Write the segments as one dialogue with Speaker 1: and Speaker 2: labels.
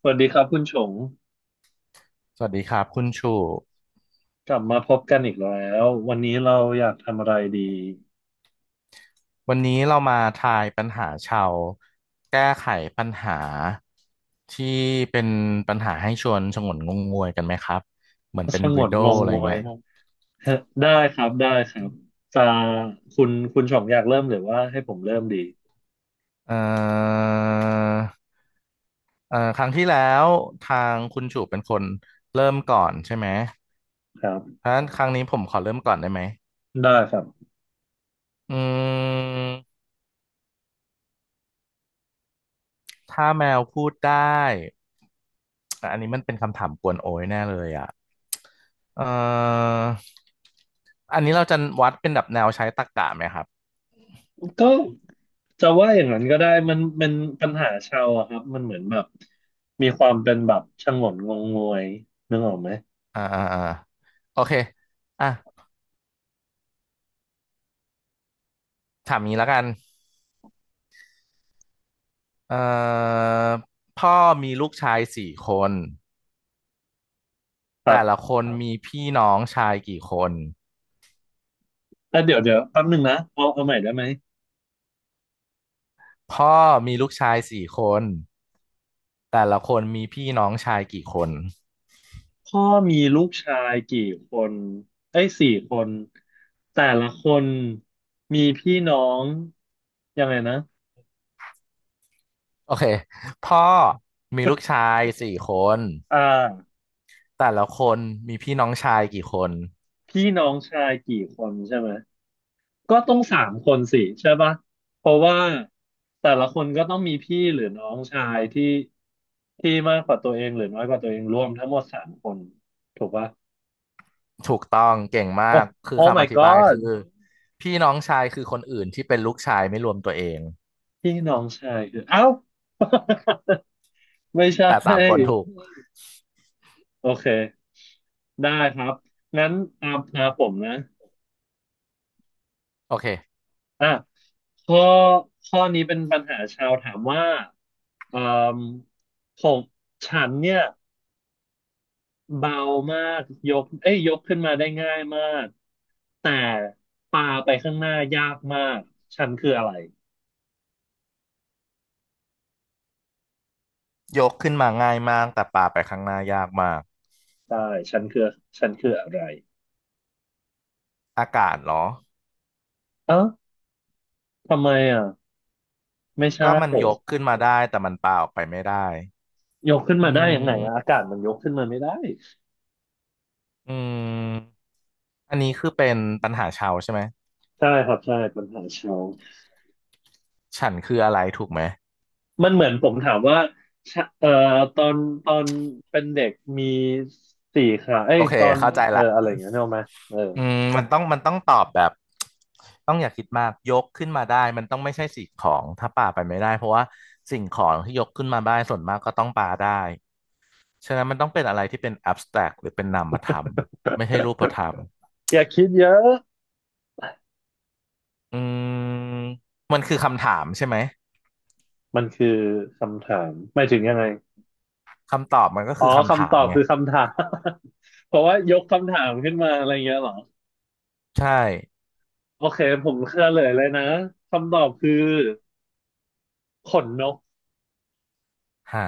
Speaker 1: สวัสดีครับคุณชง
Speaker 2: สวัสดีครับคุณชู
Speaker 1: กลับมาพบกันอีกแล้ววันนี้เราอยากทำอะไรดี
Speaker 2: วันนี้เรามาทายปัญหาชาวแก้ไขปัญหาที่เป็นปัญหาให้ชวนฉงนงงงวยกันไหมครับเหมือน เป็
Speaker 1: ส
Speaker 2: น
Speaker 1: ง
Speaker 2: ริ
Speaker 1: ว
Speaker 2: ด
Speaker 1: น
Speaker 2: d ด
Speaker 1: ง
Speaker 2: e
Speaker 1: ง
Speaker 2: อะไร
Speaker 1: งวย
Speaker 2: เงี้ย
Speaker 1: ได้ครับได้ครับจะคุณชงอยากเริ่มหรือว่าให้ผมเริ่มดี
Speaker 2: เอ่อครั้งที่แล้วทางคุณชูเป็นคนเริ่มก่อนใช่ไหม
Speaker 1: ครับ
Speaker 2: เพราะฉะนั้นครั้งนี้ผมขอเริ่มก่อนได้ไหม
Speaker 1: ได้ครับ
Speaker 2: อืมถ้าแมวพูดได้ แอันนี้มันเป็นคำถามกวนโอ้ยแน่เลยอ่ะเอ่ออันนี้เราจะวัดเป็นแบบแนวใช้ตรรกะไหมครับ
Speaker 1: ก็จะว่าอย่างนั้นก็ได้มันเป็นปัญหาชาวอะครับมันเหมือนแบบมีความเป็นแบบสงนงงงวยนึกออกไหม
Speaker 2: อ่าอ่าอ่าโอเคอ่ะถามนี้แล้วกันเอ่อพ่อมีลูกชายสี่คน
Speaker 1: ครั
Speaker 2: แต่ละ
Speaker 1: บ
Speaker 2: คนมีพี่น้องชายกี่คน
Speaker 1: แต่เดี๋ยวแป๊บหนึงนะเอาใหม่ได้ไหม
Speaker 2: พ่อมีลูกชายสี่คนแต่ละคนมีพี่น้องชายกี่คน
Speaker 1: พ่อมีลูกชายกี่คนเอ้ยสี่คนแต่ละคนมีพี่น้องยังไงนะ
Speaker 2: โอเคพ่อมีลูกชายสี่คน
Speaker 1: อ่า
Speaker 2: แต่ละคนมีพี่น้องชายกี่คน
Speaker 1: พี่น้องชายกี่คนใช่ไหมก็ต้องสามคนสิใช่ปะเพราะว่าแต่ละคนก็ต้องมีพี่หรือน้องชายที่มากกว่าตัวเองหรือน้อยกว่าตัวเองรวมทั้งหมดสามคนถูกปะ
Speaker 2: ถูกต้องเก่ง
Speaker 1: โอ้
Speaker 2: มากคือ
Speaker 1: Oh
Speaker 2: คำอ
Speaker 1: my
Speaker 2: ธิบาย
Speaker 1: god
Speaker 2: คือพี่น้องชายคือคนอื่นที่เป็นลูกชายไม่รวมตัวเอง
Speaker 1: พี่น้องชายคือเอ้าไม่ใช่
Speaker 2: แต่สามคนถูก
Speaker 1: โอเคได้ครับงั้นตามตาผมนะ
Speaker 2: โอเค
Speaker 1: อ่ะข้อข้อนี้เป็นปัญหาชาวถามว่าเอ่มผมฉันเนี่ยเบามากยกเอ้ยยกขึ้นมาได้ง่ายมากแต่ปาไปข้างหน้ายากมากฉันคืออะไร
Speaker 2: ยกขึ้นมาง่ายมากแต่ปาไปข้างหน้ายากมาก
Speaker 1: ได้ฉันคือฉันคืออะไร
Speaker 2: อากาศเหรอ
Speaker 1: เอ้าทำไมอ่ะไม่
Speaker 2: ก็
Speaker 1: ใช่
Speaker 2: มันยกขึ้นมาได้แต่มันปาออกไปไม่ได้
Speaker 1: ยกขึ้น
Speaker 2: อื
Speaker 1: มา
Speaker 2: ม
Speaker 1: ได้ยังไง
Speaker 2: อืม
Speaker 1: อะอากาศมันยกขึ้นมาไม่ได้
Speaker 2: อันนี้คือเป็นปัญหาชาวใช่ไหม
Speaker 1: ใช่ครับใช่ปัญหาชาว
Speaker 2: ฉันคืออะไรถูกไหม
Speaker 1: มันเหมือนผมถามว่าชะเอ่อตอนตอนเป็นเด็กมีสี่ขาเอ้
Speaker 2: โอ
Speaker 1: ย
Speaker 2: เค
Speaker 1: ตอน
Speaker 2: เข้าใจ
Speaker 1: เอออะ
Speaker 2: ละ
Speaker 1: ไรอย่างเงี้ยนึกออกไหมเออ
Speaker 2: อืมมันต้องตอบแบบต้องอย่าคิดมากยกขึ้นมาได้มันต้องไม่ใช่สิ่งของถ้าป่าไปไม่ได้เพราะว่าสิ่งของที่ยกขึ้นมาได้ส่วนมากก็ต้องปาได้ฉะนั้นมันต้องเป็นอะไรที่เป็น abstract หรือเป็นนามธรรมไม่ใช่รูปธรรม
Speaker 1: อย่าคิดเยอะ
Speaker 2: อืมมันคือคำถามใช่ไหม
Speaker 1: มันคือคำถามไม่ถึงยังไง
Speaker 2: คำตอบมันก็
Speaker 1: อ๋อ
Speaker 2: คือคำถา
Speaker 1: คำต
Speaker 2: ม
Speaker 1: อบ
Speaker 2: ไง
Speaker 1: คือคำถาม เพราะว่ายกคำถามขึ้นมาอะไรเงี้ยเหรอ
Speaker 2: ใช่
Speaker 1: โอเคผมเฉลยเลยนะคำตอบคือขนนก
Speaker 2: หา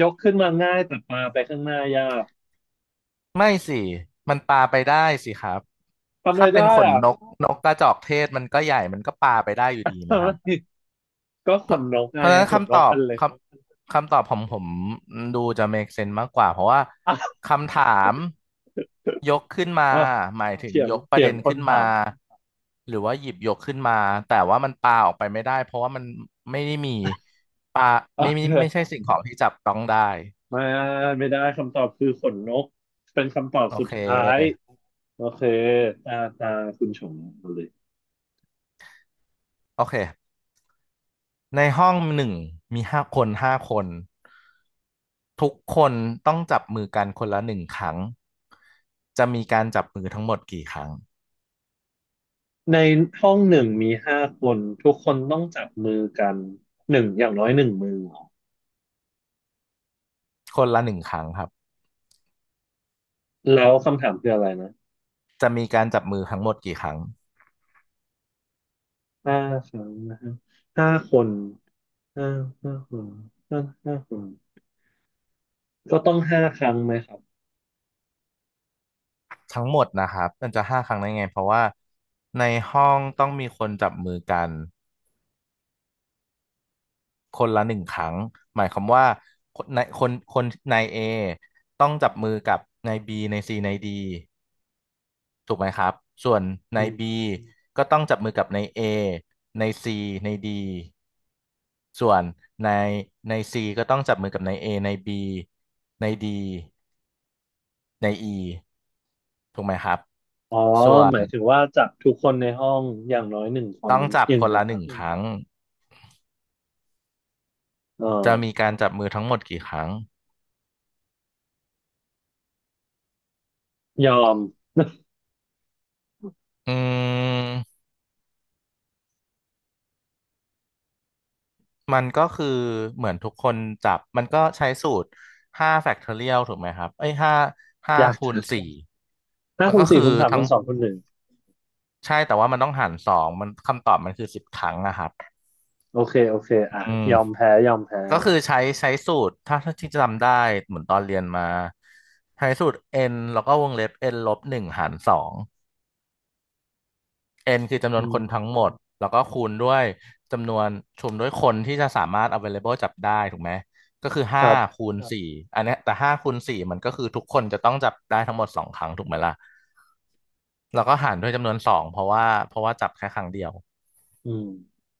Speaker 1: ยกขึ้นมาง่ายแต่ปาไปข้างหน้ายาก
Speaker 2: ไม่สิมันปาไปได้สิครับ
Speaker 1: ทำไม
Speaker 2: ถ้าเป็น
Speaker 1: ได้
Speaker 2: ขน
Speaker 1: อ่ะ
Speaker 2: นกนกกระจอกเทศมันก็ใหญ่มันก็ปาไปได้อยู่ดีนะครับ
Speaker 1: ก็ข
Speaker 2: เพราะ
Speaker 1: นนกไง
Speaker 2: เพราะฉะนั้น
Speaker 1: ขนน
Speaker 2: คำต
Speaker 1: ก
Speaker 2: อบ
Speaker 1: อันเล็ก
Speaker 2: คคำตอบผมดูจะ make sense มากกว่าเพราะว่าคำถามยกขึ้นมา
Speaker 1: อ้าว
Speaker 2: หมายถึง
Speaker 1: เถียง
Speaker 2: ยกประ
Speaker 1: เถีย
Speaker 2: เด็
Speaker 1: ง
Speaker 2: น
Speaker 1: คน
Speaker 2: ขึ้น
Speaker 1: ถา
Speaker 2: มา
Speaker 1: ม
Speaker 2: หรือว่าหยิบยกขึ้นมาแต่ว่ามันปาออกไปไม่ได้เพราะว่ามันไม่ได้มีปา
Speaker 1: เอ
Speaker 2: ไม่ไมี
Speaker 1: อ
Speaker 2: ไม่ใช่สิ่งของที่จับต้องได้
Speaker 1: ไมาไม่ได้คำตอบคือขนนกเป็นคำตอบ
Speaker 2: โอ
Speaker 1: สุด
Speaker 2: เค
Speaker 1: ท้ายโอเคตาตาคุณชงเาเลย
Speaker 2: โอเค ในห้องหนึ่งมีห้าคนห้าคนทุกคนต้องจับมือกันคนละหนึ่งครั้งจะมีการจับมือทั้งหมดกี่ครั้ง
Speaker 1: ในห้องหนึ่งมีห้าคนทุกคนต้องจับมือกันหนึ่งอย่างน้อยหนึ่งมือเหรอ
Speaker 2: คนละหนึ่งครั้งครับ
Speaker 1: แล้วคำถามคืออะไรนะ
Speaker 2: จะมีการจับมือทั้งหมดกี่ครั้ง
Speaker 1: ห้าครั้งนะฮะห้าคนห้าห้าคนห้าห้าคนก็ต้องห้าครั้งไหมครับ
Speaker 2: ทั้งหมดนะครับมันจะห้าครั้งได้ไงเพราะว่าในห้องต้องมีคนจับมือกันคนละหนึ่งครั้งหมายความว่าคนนายเอต้องจับมือกับนายบีนายซีนายดี ถูกไหมครับส่วนใน
Speaker 1: อืม
Speaker 2: B ก็ต้องจับมือกับใน A ใน C ใน D ส่วนในใน C ก็ต้องจับมือกับใน A ใน B ใน D ใน E ถูกไหมครับ
Speaker 1: อ๋อ
Speaker 2: ส่ว
Speaker 1: ห
Speaker 2: น
Speaker 1: มายถึงว่าจับทุกคนในห้องอย่างน้อยหนึ่งคน
Speaker 2: ต้อง
Speaker 1: อ
Speaker 2: จับ
Speaker 1: นึ่าง
Speaker 2: คน
Speaker 1: นะ
Speaker 2: ละ
Speaker 1: ค
Speaker 2: ห
Speaker 1: รั
Speaker 2: นึ่งอื
Speaker 1: บ
Speaker 2: คมรั้ง
Speaker 1: เออ
Speaker 2: จะมีการจับมือทั้งหมดกี่ครั้ง
Speaker 1: ยอม
Speaker 2: อืมมันก็คือเหมือนทุกคนจับมันก็ใช้สูตรห้าแฟกทอเรียลถูกไหมครับเอ้ยห้า
Speaker 1: อยาก
Speaker 2: คู
Speaker 1: จะ
Speaker 2: ณสี่
Speaker 1: ห้า
Speaker 2: มัน
Speaker 1: คูณ
Speaker 2: ก็
Speaker 1: สี่
Speaker 2: คือ
Speaker 1: คูณสาม
Speaker 2: ทั้
Speaker 1: คู
Speaker 2: ง
Speaker 1: ณสองคูณหนึ่ง
Speaker 2: ใช่แต่ว่ามันต้องหารสองมันคำตอบมันคือ10 ครั้งอะครับ
Speaker 1: โอเคโอเค
Speaker 2: อื
Speaker 1: อ่ะ
Speaker 2: ม
Speaker 1: ยอม
Speaker 2: ค
Speaker 1: แพ้ยอมแพ้
Speaker 2: ก็คือใช้สูตรถ้าที่จำได้เหมือนตอนเรียนมาใช้สูตร n แล้วก็วงเล็บ n ลบหนึ่งหารสอง n คือจำน
Speaker 1: อื
Speaker 2: วนค
Speaker 1: ม
Speaker 2: นทั้งหมดแล้วก็คูณด้วยจำนวนชุมด้วยคนที่จะสามารถ available จับได้ถูกไหมก็คือ
Speaker 1: ค
Speaker 2: ห้า
Speaker 1: รับ
Speaker 2: คูณสี่อันเนี้ยแต่ห้าคูณสี่มันก็คือทุกคนจะต้องจับได้ทั้งหมดสองครั้งถูกไหมล่ะแล้วก็หารด้วยจำนวนสองเพราะว่าจับแค่ครั้งเดียว
Speaker 1: อืม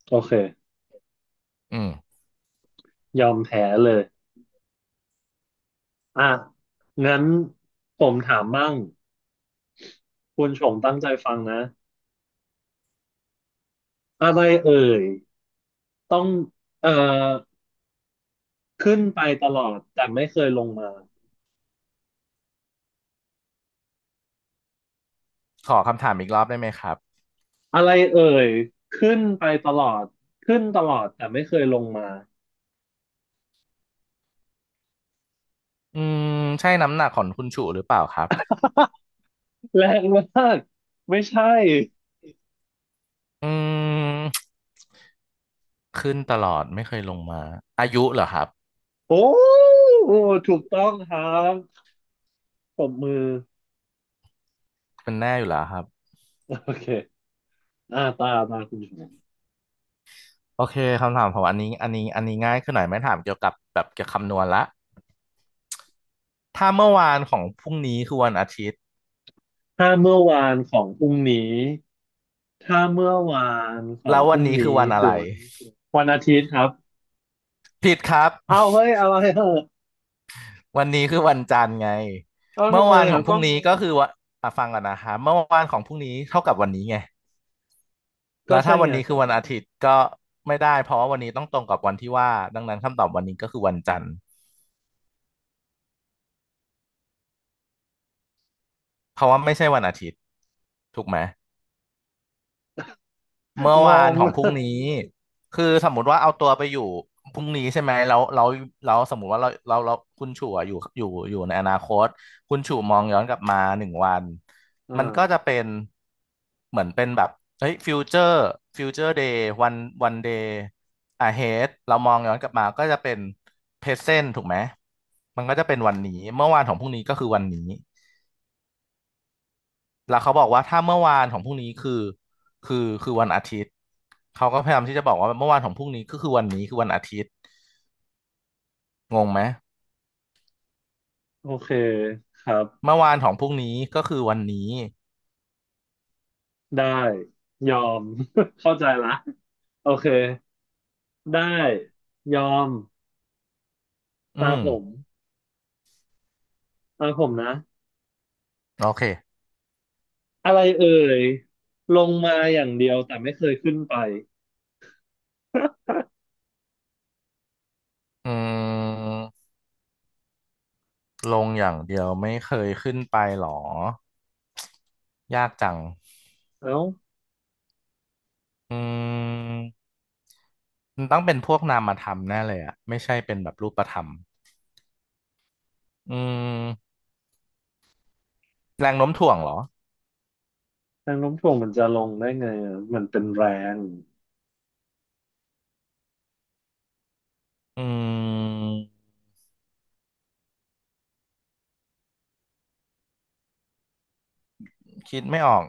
Speaker 1: โอเค
Speaker 2: อืม
Speaker 1: ยอมแพ้เลยอ่ะงั้นผมถามบ้างคุณชงตั้งใจฟังนะอะไรเอ่ยต้องเอ่อขึ้นไปตลอดแต่ไม่เคยลงมา
Speaker 2: ขอคำถามอีกรอบได้ไหมครับ
Speaker 1: อะไรเอ่ยขึ้นไปตลอดขึ้นตลอดแต่ไม่เคยลงมา
Speaker 2: อืมใช่น้ำหนักของคุณชูหรือเปล่าครับ
Speaker 1: แรงมากไม่ใช่
Speaker 2: อืมขึ้นตลอดไม่เคยลงมาอายุเหรอครับ
Speaker 1: โอ้ถูกต้องครับปรบมือ
Speaker 2: เป็นแน่อยู่แล้วครับ
Speaker 1: โอเคอ่าตามาคุณชง
Speaker 2: โอเคคำถามของอันนี้ง่ายขึ้นหน่อยไม่ถามเกี่ยวกับคำนวณละถ้าเมื่อวานของพรุ่งนี้คือวันอาทิตย์
Speaker 1: ถ้าเมื่อวานของพรุ่งนี้ถ้าเมื่อวานของ
Speaker 2: แล้ว
Speaker 1: พ
Speaker 2: วัน
Speaker 1: รุ่ง
Speaker 2: นี้คือ
Speaker 1: นี้
Speaker 2: วันอะ
Speaker 1: คื
Speaker 2: ไร
Speaker 1: อวันอาทิตย์ครับ
Speaker 2: ผิดครับ
Speaker 1: เอาเฮ้ยอะไรเหรอ
Speaker 2: วันนี้คือวันจันทร์ไง
Speaker 1: เอา
Speaker 2: เมื่
Speaker 1: ทำ
Speaker 2: อ
Speaker 1: ไม
Speaker 2: วานขอ
Speaker 1: อ่ะ
Speaker 2: งพรุ่
Speaker 1: ก็
Speaker 2: งนี้ก็คือว่าอ่ะฟังก่อนนะคะเมื่อวานของพรุ่งนี้เท่ากับวันนี้ไง
Speaker 1: ก็
Speaker 2: แล้ว
Speaker 1: ใช่
Speaker 2: ถ้าวั
Speaker 1: ไง
Speaker 2: นนี้คือวันอาทิตย์ก็ไม่ได้เพราะว่าวันนี้ต้องตรงกับวันที่ว่าดังนั้นคำตอบวันนี้ก็คือวันจันทร์เพราะว่าไม่ใช่วันอาทิตย์ถูกไหม เมื่อ
Speaker 1: ง
Speaker 2: วาน
Speaker 1: ง
Speaker 2: ของพรุ่งนี้คือสมมุติว่าเอาตัวไปอยู่พรุ่งนี้ใช่ไหมแล้วสมมุติว่าเราคุณชู่อะอยู่ในอนาคตคุณชู่มองย้อนกลับมาหนึ่งวัน
Speaker 1: อ่า
Speaker 2: มันก็จะเป็นเหมือนเป็นแบบเฮ้ยฟิวเจอร์เดย์วันเดย์อะเฮดเรามองย้อนกลับมาก็จะเป็นเพรเซนต์ถูกไหมมันก็จะเป็นวันนี้เมื่อวานของพรุ่งนี้ก็คือวันนี้ แล้วเขาบอกว่าถ้าเมื่อวานของพรุ่งนี้คือคือวันอาทิตย์เขาก็พยายามที่จะบอกว่าเมื่อวานของพรุ่งนี้ก็คือวันนี้คือวันอาทิตย์งงไหม
Speaker 1: โอเคครับ
Speaker 2: เมื่อวานของพรุ่งนี้ก็คือวันนี้
Speaker 1: ได้ยอม เข้าใจละโอเคได้ยอม
Speaker 2: อื
Speaker 1: ตา
Speaker 2: ม
Speaker 1: ผมตาผมนะ
Speaker 2: โอเค
Speaker 1: อะไรเอ่ยลงมาอย่างเดียวแต่ไม่เคยขึ้นไป
Speaker 2: อืมลงอย่างเดียวไม่เคยขึ้นไปหรอยากจัง
Speaker 1: เอ้า
Speaker 2: อืมมันต้องเป็นพวกนามธรรมแน่เลยอะไม่ใช่เป็นแบบรูปธรรมอืมแรงโน้มถ่วงเหรอ
Speaker 1: แรงโน้มถ่วงมันจะลงได้ไงอะมันเป็นแรง
Speaker 2: อืมคิดไม่ออก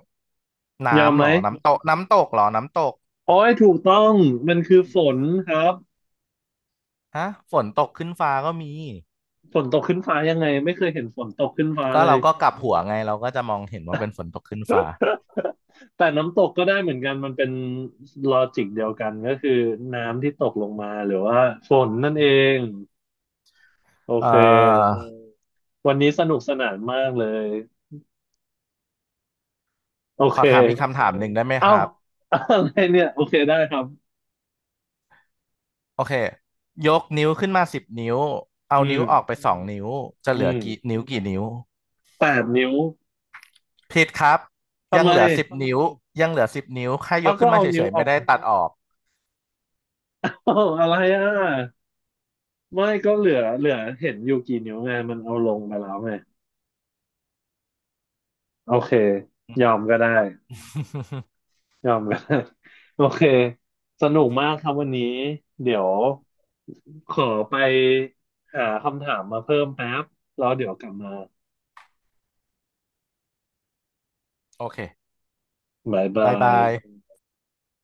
Speaker 1: ยอม
Speaker 2: น้ำ
Speaker 1: ไห
Speaker 2: เห
Speaker 1: ม
Speaker 2: รอน้ำตกน้ำตกเหรอน้ำตก
Speaker 1: โอ้ยถูกต้อง มันคือฝนครับ
Speaker 2: ฮะฝนตกขึ้นฟ้าก็มี
Speaker 1: ฝนตกขึ้นฟ้ายังไงไม่เคยเห็นฝนตกขึ้นฟ้า
Speaker 2: ก็
Speaker 1: เล
Speaker 2: เรา
Speaker 1: ย
Speaker 2: อืก็กลับหัวมไงเราก็จะมองเห็นว่าเป็นฝนตกขึ้นฟ้า
Speaker 1: แต่น้ำตกก็ได้เหมือนกัน มันเป็นลอจิกเดียวกันก็คือน้ำที่ตกลงมาหรือว่าฝนนั่นเอง โอ
Speaker 2: เอ่อ
Speaker 1: เค
Speaker 2: โอ้
Speaker 1: วันนี้สนุกสนานมากเลย โอ
Speaker 2: ข
Speaker 1: เค
Speaker 2: อถามอีกคำถามหนึ่งได้ไหม
Speaker 1: เอ้า
Speaker 2: ครับ
Speaker 1: อะไรเนี่ย โอเคได้ครับ
Speaker 2: โอเคยกนิ้วขึ้นมาสิบนิ้วเอา
Speaker 1: อื
Speaker 2: นิ้
Speaker 1: ม
Speaker 2: วออกไปสองนิ้วจะ
Speaker 1: อื
Speaker 2: เหลือ
Speaker 1: ม
Speaker 2: กี่นิ้วกี่นิ้ว
Speaker 1: แปดนิ้ว
Speaker 2: ผิดครับ
Speaker 1: ทำ
Speaker 2: ยัง
Speaker 1: ไม
Speaker 2: เหลือ10 ต้องนิ้วยังเหลือสิบนิ้วแค่ย
Speaker 1: เอา
Speaker 2: ก
Speaker 1: ก็
Speaker 2: ขึ้นมา
Speaker 1: เอา
Speaker 2: เฉ
Speaker 1: นิ้ว
Speaker 2: ยๆ
Speaker 1: ออ
Speaker 2: ไม่
Speaker 1: ก
Speaker 2: ได้ตองตัดนับออก
Speaker 1: อะไรอ่ะ ไม่ก็เหลือเห็นอยู่กี่นิ้วไงมันเอาลงไปแล้วไงโอเคยอมก็ได้ ยอมก็ได้ โอเคสนุกมากครับวันนี้เดี๋ยวขอไปหาคำถามมาเพิ่มแป๊บแล้วเดี๋ยวกลับมา
Speaker 2: โอเค
Speaker 1: บ๊าย
Speaker 2: บา
Speaker 1: บา
Speaker 2: ย
Speaker 1: ย
Speaker 2: บาย